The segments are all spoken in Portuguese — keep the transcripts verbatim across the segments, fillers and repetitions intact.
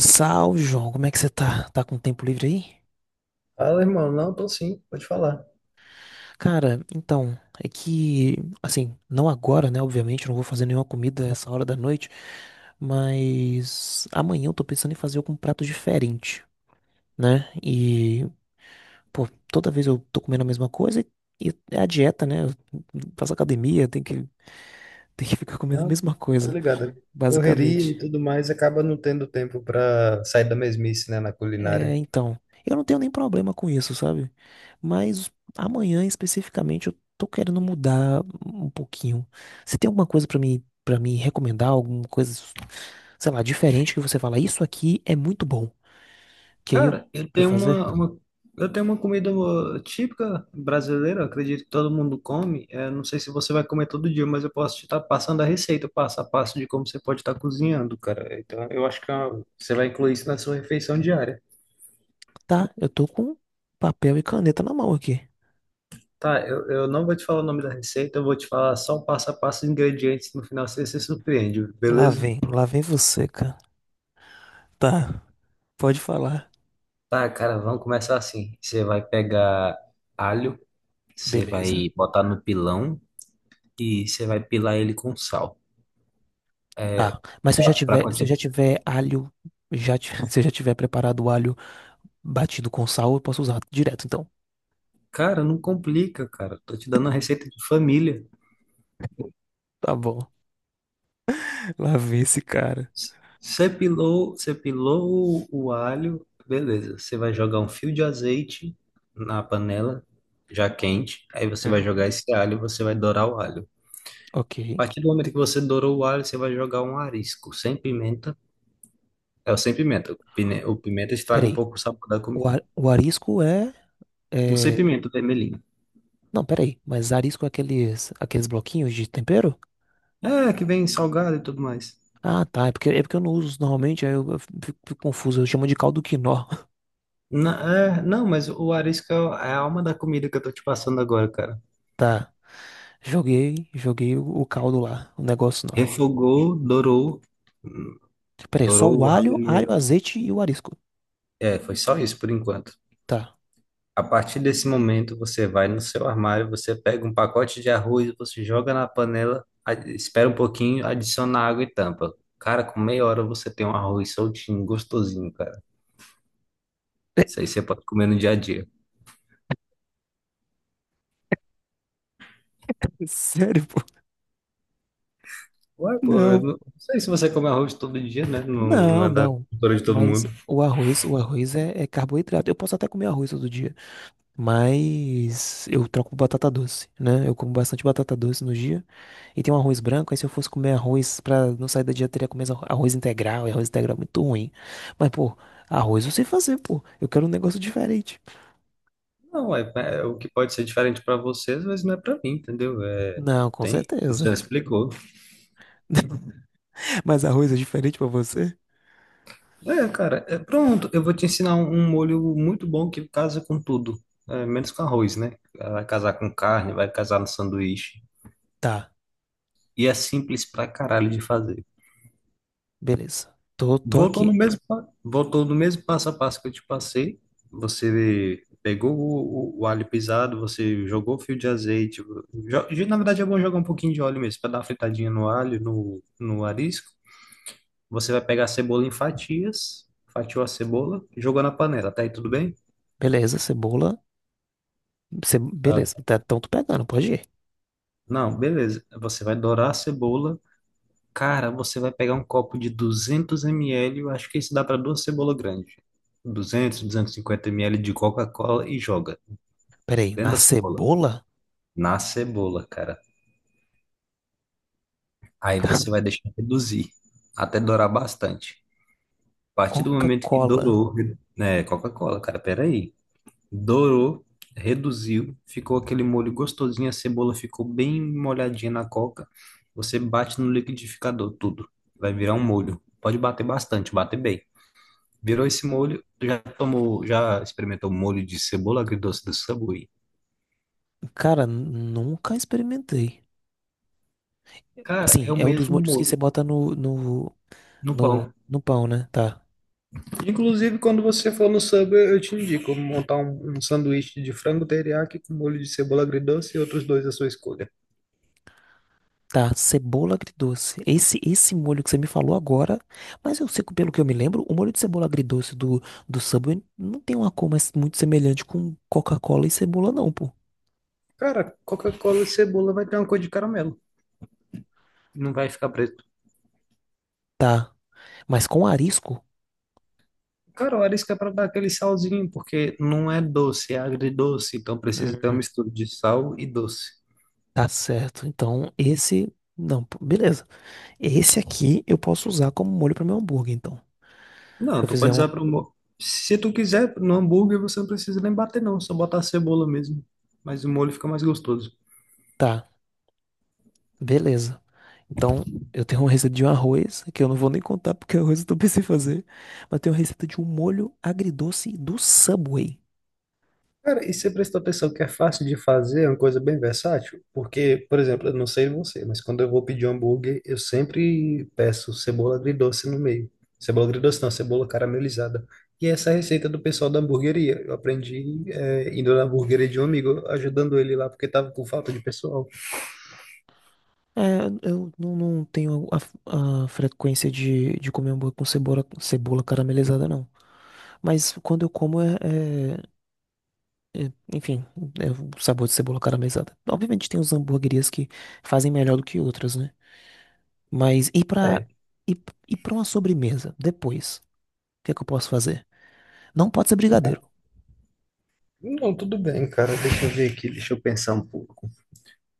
Salve, João. Como é que você tá? Tá com tempo livre aí? Fala, irmão. Não, tô sim, pode falar. Cara, então, é que, assim, não agora, né? Obviamente, eu não vou fazer nenhuma comida essa hora da noite, mas amanhã eu tô pensando em fazer algum prato diferente, né? E, pô, toda vez eu tô comendo a mesma coisa e e é a dieta, né? Eu faço academia, tem que, tem que ficar comendo a Não, mesma tô coisa, ligado. Correria basicamente. e tudo mais acaba não tendo tempo pra sair da mesmice, né, na culinária. É, então, eu não tenho nem problema com isso, sabe? Mas amanhã especificamente eu tô querendo mudar um pouquinho. Você tem alguma coisa pra me para me recomendar, alguma coisa, sei lá, diferente que você fala, isso aqui é muito bom, que aí eu Cara, eu pra eu tenho fazer? uma, uma- eu tenho uma comida típica brasileira, eu acredito que todo mundo come. É, não sei se você vai comer todo dia, mas eu posso te estar passando a receita, passo a passo de como você pode estar cozinhando, cara. Então, eu acho que é uma- você vai incluir isso na sua refeição diária. Tá, eu tô com papel e caneta na mão aqui. Tá, eu, eu não vou te falar o nome da receita, eu vou te falar só o passo a passo, os ingredientes, no final você se surpreende, Lá beleza? vem, lá vem você, cara. Tá, pode falar. Tá, cara, vamos começar assim. Você vai pegar alho, você Beleza. vai botar no pilão e você vai pilar ele com sal. Tá. Mas se eu Pra, já pra tiver, se eu continuar. já tiver alho, já ti- se eu já tiver preparado o alho batido com sal, eu posso usar direto, então. Cara, não complica, cara. Tô te dando uma receita de família. Tá bom. Lá vem esse cara. Você pilou, você pilou o, o alho, beleza. Você vai jogar um fio de azeite na panela, já quente. Aí você vai jogar Uhum. esse alho, você vai dourar o alho. Ok. A partir do momento que você dourou o alho, você vai jogar um arisco sem pimenta. É o sem pimenta. O pine- o pimenta estraga um Peraí. pouco o sabor da O, comida. ar- o arisco é, Não sei é- pimenta vermelhinho. Não, peraí. Mas arisco é aqueles, aqueles bloquinhos de tempero? É, que vem salgado e tudo mais. Ah, tá. É porque, é porque eu não uso normalmente, aí eu, eu fico, fico confuso. Eu chamo de caldo quinó. Na- é, não, Mas o arisco é a alma da comida que eu tô te passando agora, cara. Tá. Joguei, joguei o, o caldo lá. O negócio lá. Refogou, dourou, Peraí, só dourou o o alho, alho no... alho, azeite e o arisco. É, foi só isso por enquanto. Tá. A partir desse momento, você vai no seu armário, você pega um pacote de arroz, você joga na panela, a- espera um pouquinho, adiciona água e tampa. Cara, com meia hora você tem um arroz soltinho, gostosinho, cara. Isso aí você pode comer no dia a dia. Sério, pô? Ué, pô, eu Não. não não sei se você come arroz todo dia, né? Não, não Não, é da não. cultura de todo Mas mundo. o arroz, o arroz é, é carboidrato. Eu posso até comer arroz todo dia, mas eu troco por batata doce, né? Eu como bastante batata doce no dia e tem um arroz branco. Aí se eu fosse comer arroz pra não sair da dieta, eu teria que comer arro- arroz integral. E arroz integral é muito ruim. Mas pô, arroz eu sei fazer, pô. Eu quero um negócio diferente. Não, é, é é o que pode ser diferente para vocês, mas não é para mim, entendeu? É, Não, com tem, certeza. já explicou. Mas arroz é diferente pra você? É, cara, é, pronto, eu vou te ensinar um, um molho muito bom que casa com tudo, é, menos com arroz, né? Vai casar com carne, vai casar no sanduíche. Tá, E é simples pra caralho de fazer. beleza. Tô, tô Voltou no aqui. Mesmo, pa- voltou no mesmo passo a passo que eu te passei. Você pegou o, o, o alho pisado, você jogou o fio de azeite. Jo- de- na verdade, é bom jogar um pouquinho de óleo mesmo, para dar uma fritadinha no alho, no, no arisco. Você vai pegar a cebola em fatias, fatiou a cebola, jogou na panela. Até aí tudo bem? Beleza, cebola. ce- Ah, Beleza, tá, então tô pegando, pode ir. não, beleza. Você vai dourar a cebola. Cara, você vai pegar um copo de duzentos mililitros, eu acho que isso dá para duas cebolas grandes. duzentos, duzentos e cinquenta mililitros de Coca-Cola e joga. Peraí, na Dentro da cebola. cebola? Na cebola, cara. Aí você vai deixar reduzir, até dourar bastante. A partir do momento que Coca-Cola. dourou, né, Coca-Cola, cara, peraí. Dourou, reduziu, ficou aquele molho gostosinho, a cebola ficou bem molhadinha na coca. Você bate no liquidificador, tudo. Vai virar um molho. Pode bater bastante, bater bem. Virou esse molho, tu já tomou, já experimentou molho de cebola agridoce do Subway? Cara, nunca experimentei. Cara, é Assim, o é um dos mesmo molhos que você molho bota no, no, no no, pão. no pão, né? Tá. Inclusive, quando você for no Subway, eu te indico montar um, um sanduíche de frango teriyaki com molho de cebola agridoce e outros dois à sua escolha. Tá, cebola agridoce. Esse, esse molho que você me falou agora, mas eu sei que, pelo que eu me lembro, o molho de cebola agridoce do, do Subway não tem uma cor mais muito semelhante com Coca-Cola e cebola, não, pô. Cara, Coca-Cola e cebola vai ter uma cor de caramelo, não vai ficar preto. Tá, mas com arisco? Cara, o arisco é para dar aquele salzinho, porque não é doce, é agridoce, então precisa ter uma Hum, mistura de sal e doce. tá certo. Então, esse. Não, pô, beleza. Esse aqui eu posso usar como molho para meu hambúrguer, então. Não, Eu tu fizer pode usar um. para o... Se tu quiser, no hambúrguer você não precisa nem bater não, só botar a cebola mesmo, mas o molho fica mais gostoso. Tá, beleza. Então, eu tenho uma receita de um arroz, que eu não vou nem contar porque o arroz eu não pensei em fazer. Mas tenho uma receita de um molho agridoce do Subway. Cara, e você prestou atenção que é fácil de fazer, é uma coisa bem versátil? Porque, por exemplo, eu não sei você, mas quando eu vou pedir um hambúrguer, eu sempre peço cebola agridoce no meio. Cebola agridoce não, cebola caramelizada. E essa é a receita do pessoal da hamburgueria. Eu aprendi, é, indo na hamburgueria de um amigo, ajudando ele lá, porque tava com falta de pessoal. É, eu não, não tenho a, a frequência de, de comer hambúrguer com cebola, cebola caramelizada, não. Mas quando eu como, é, é- é, enfim, é o sabor de cebola caramelizada. Obviamente tem uns hambúrguerias que fazem melhor do que outras, né? Mas e pra, É, e, e pra uma sobremesa, depois, o que é que eu posso fazer? Não pode ser brigadeiro. não, tudo bem, cara. Deixa eu ver aqui, deixa eu pensar um pouco.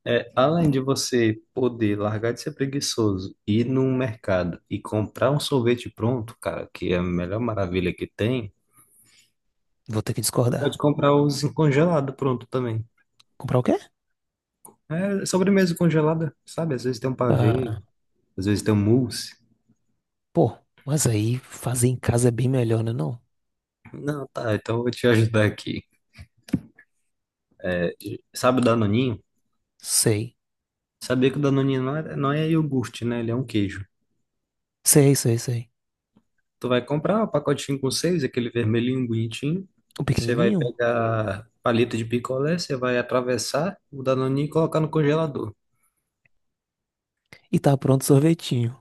É, além de você poder largar de ser preguiçoso, ir num mercado e comprar um sorvete pronto, cara, que é a melhor maravilha que tem, Vou ter que você pode discordar. comprar os congelados pronto também. Comprar o quê? É sobremesa congelada, sabe? Às vezes tem um pavê, Ah, às vezes tem um mousse. pô, mas aí fazer em casa é bem melhor, né, não? Não, tá, então eu vou te ajudar aqui. Sabe o Danoninho? Sei. Sabia que o Danoninho não é, não é iogurte, né? Ele é um queijo. Sei, sei, sei. Tu vai comprar o pacotinho com seis, aquele vermelhinho bonitinho. O Você vai pequenininho? pegar palito de picolé, você vai atravessar o danoninho e colocar no congelador. E tá pronto o sorvetinho.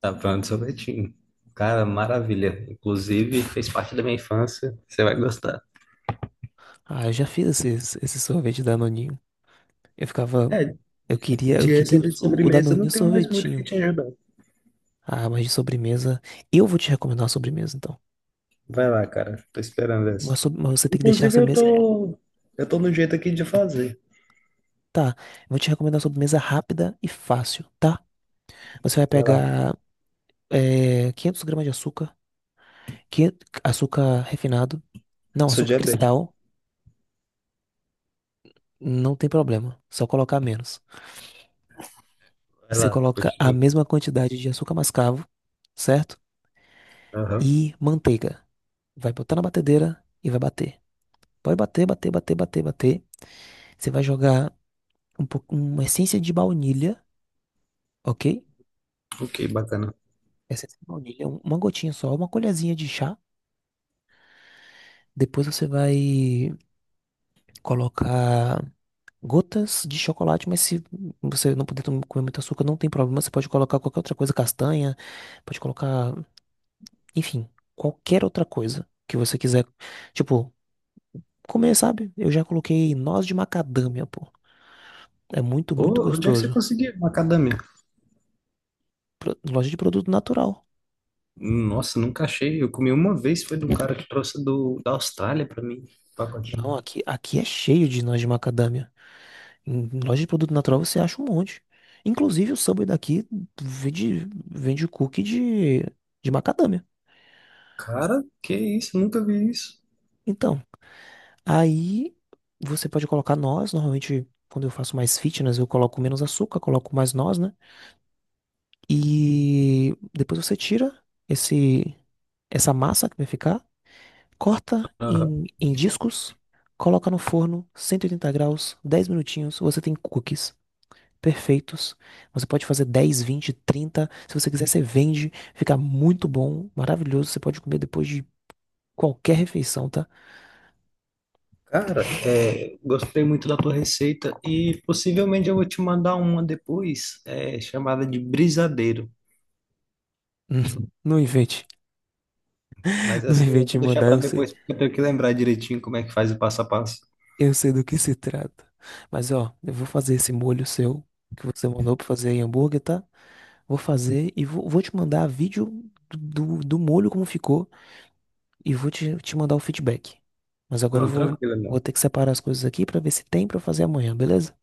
Tá pronto, o sorvetinho. Cara, maravilha. Inclusive, fez parte da minha infância. Você vai gostar. Ah, eu já fiz esse, esse sorvete Danoninho. Eu ficava... É, Eu queria, eu de queria receita de o, o sobremesa, eu não Danoninho tenho mais muito que sorvetinho. te ajudar. Ah, mas de sobremesa... Eu vou te recomendar uma sobremesa, então. Vai lá, cara. Tô esperando essa. Uma sob- mas você tem que deixar a Inclusive, eu sobremesa. é, tô, eu tô no jeito aqui de fazer. Tá, eu vou te recomendar uma sobremesa rápida e fácil, tá? Você vai Vai lá. pegar é, 500 gramas de açúcar, que açúcar refinado, Eu não, sou açúcar diabético. cristal, não tem problema, só colocar menos. Vai Você lá, coloca a continua. mesma quantidade de açúcar mascavo, certo? Aham. E manteiga. Vai botar na batedeira e vai bater. Pode bater, bater, bater, bater, bater. Você vai jogar um pouco, uma essência de baunilha, ok? Ok, bacana. Essência de baunilha, um- uma gotinha só, uma colherzinha de chá. Depois você vai colocar gotas de chocolate, mas se você não puder tom- comer muito açúcar, não tem problema. Você pode colocar qualquer outra coisa, castanha, pode colocar, enfim, qualquer outra coisa que você quiser. Tipo, comer, sabe? Eu já coloquei noz de macadâmia, pô. É muito, muito Ô, onde é que você gostoso. conseguiu macadâmia? Pro- Loja de produto natural. Nossa, nunca achei. Eu comi uma vez, foi de um cara que trouxe do, da Austrália pra mim, um pacotinho. Não, aqui, aqui é cheio de noz de macadâmia. Em loja de produto natural você acha um monte. Inclusive o Subway daqui vende, vende cookie de, de macadâmia. Cara, que isso? Nunca vi isso. Então, aí você pode colocar noz. Normalmente, quando eu faço mais fitness, eu coloco menos açúcar, coloco mais noz, né? E depois você tira esse, essa massa que vai ficar, corta Aham. em, em discos, coloca no forno, cento e oitenta graus, dez minutinhos. Você tem cookies perfeitos. Você pode fazer dez, vinte, trinta. Se você quiser, você vende. Fica muito bom, maravilhoso. Você pode comer depois de qualquer refeição, tá? Cara, é, gostei muito da tua receita e possivelmente eu vou te mandar uma depois, é, chamada de brisadeiro. Não invente. Mas Não essa eu invente em vou deixar mandar. pra eu sei depois, porque eu tenho que lembrar direitinho como é que faz o passo a passo. Eu sei do que se trata. Mas ó, eu vou fazer esse molho seu que você mandou pra fazer em hambúrguer, tá? Vou fazer e vou, vou te mandar vídeo do, do, do molho como ficou e vou te, te mandar o feedback. Mas agora eu Não, vou, tranquilo, vou não. ter que separar as coisas aqui pra ver se tem pra fazer amanhã, beleza?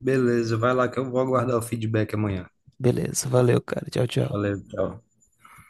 Beleza, vai lá que eu vou aguardar o feedback amanhã. Beleza, valeu, cara. Tchau, tchau. Valeu, tchau.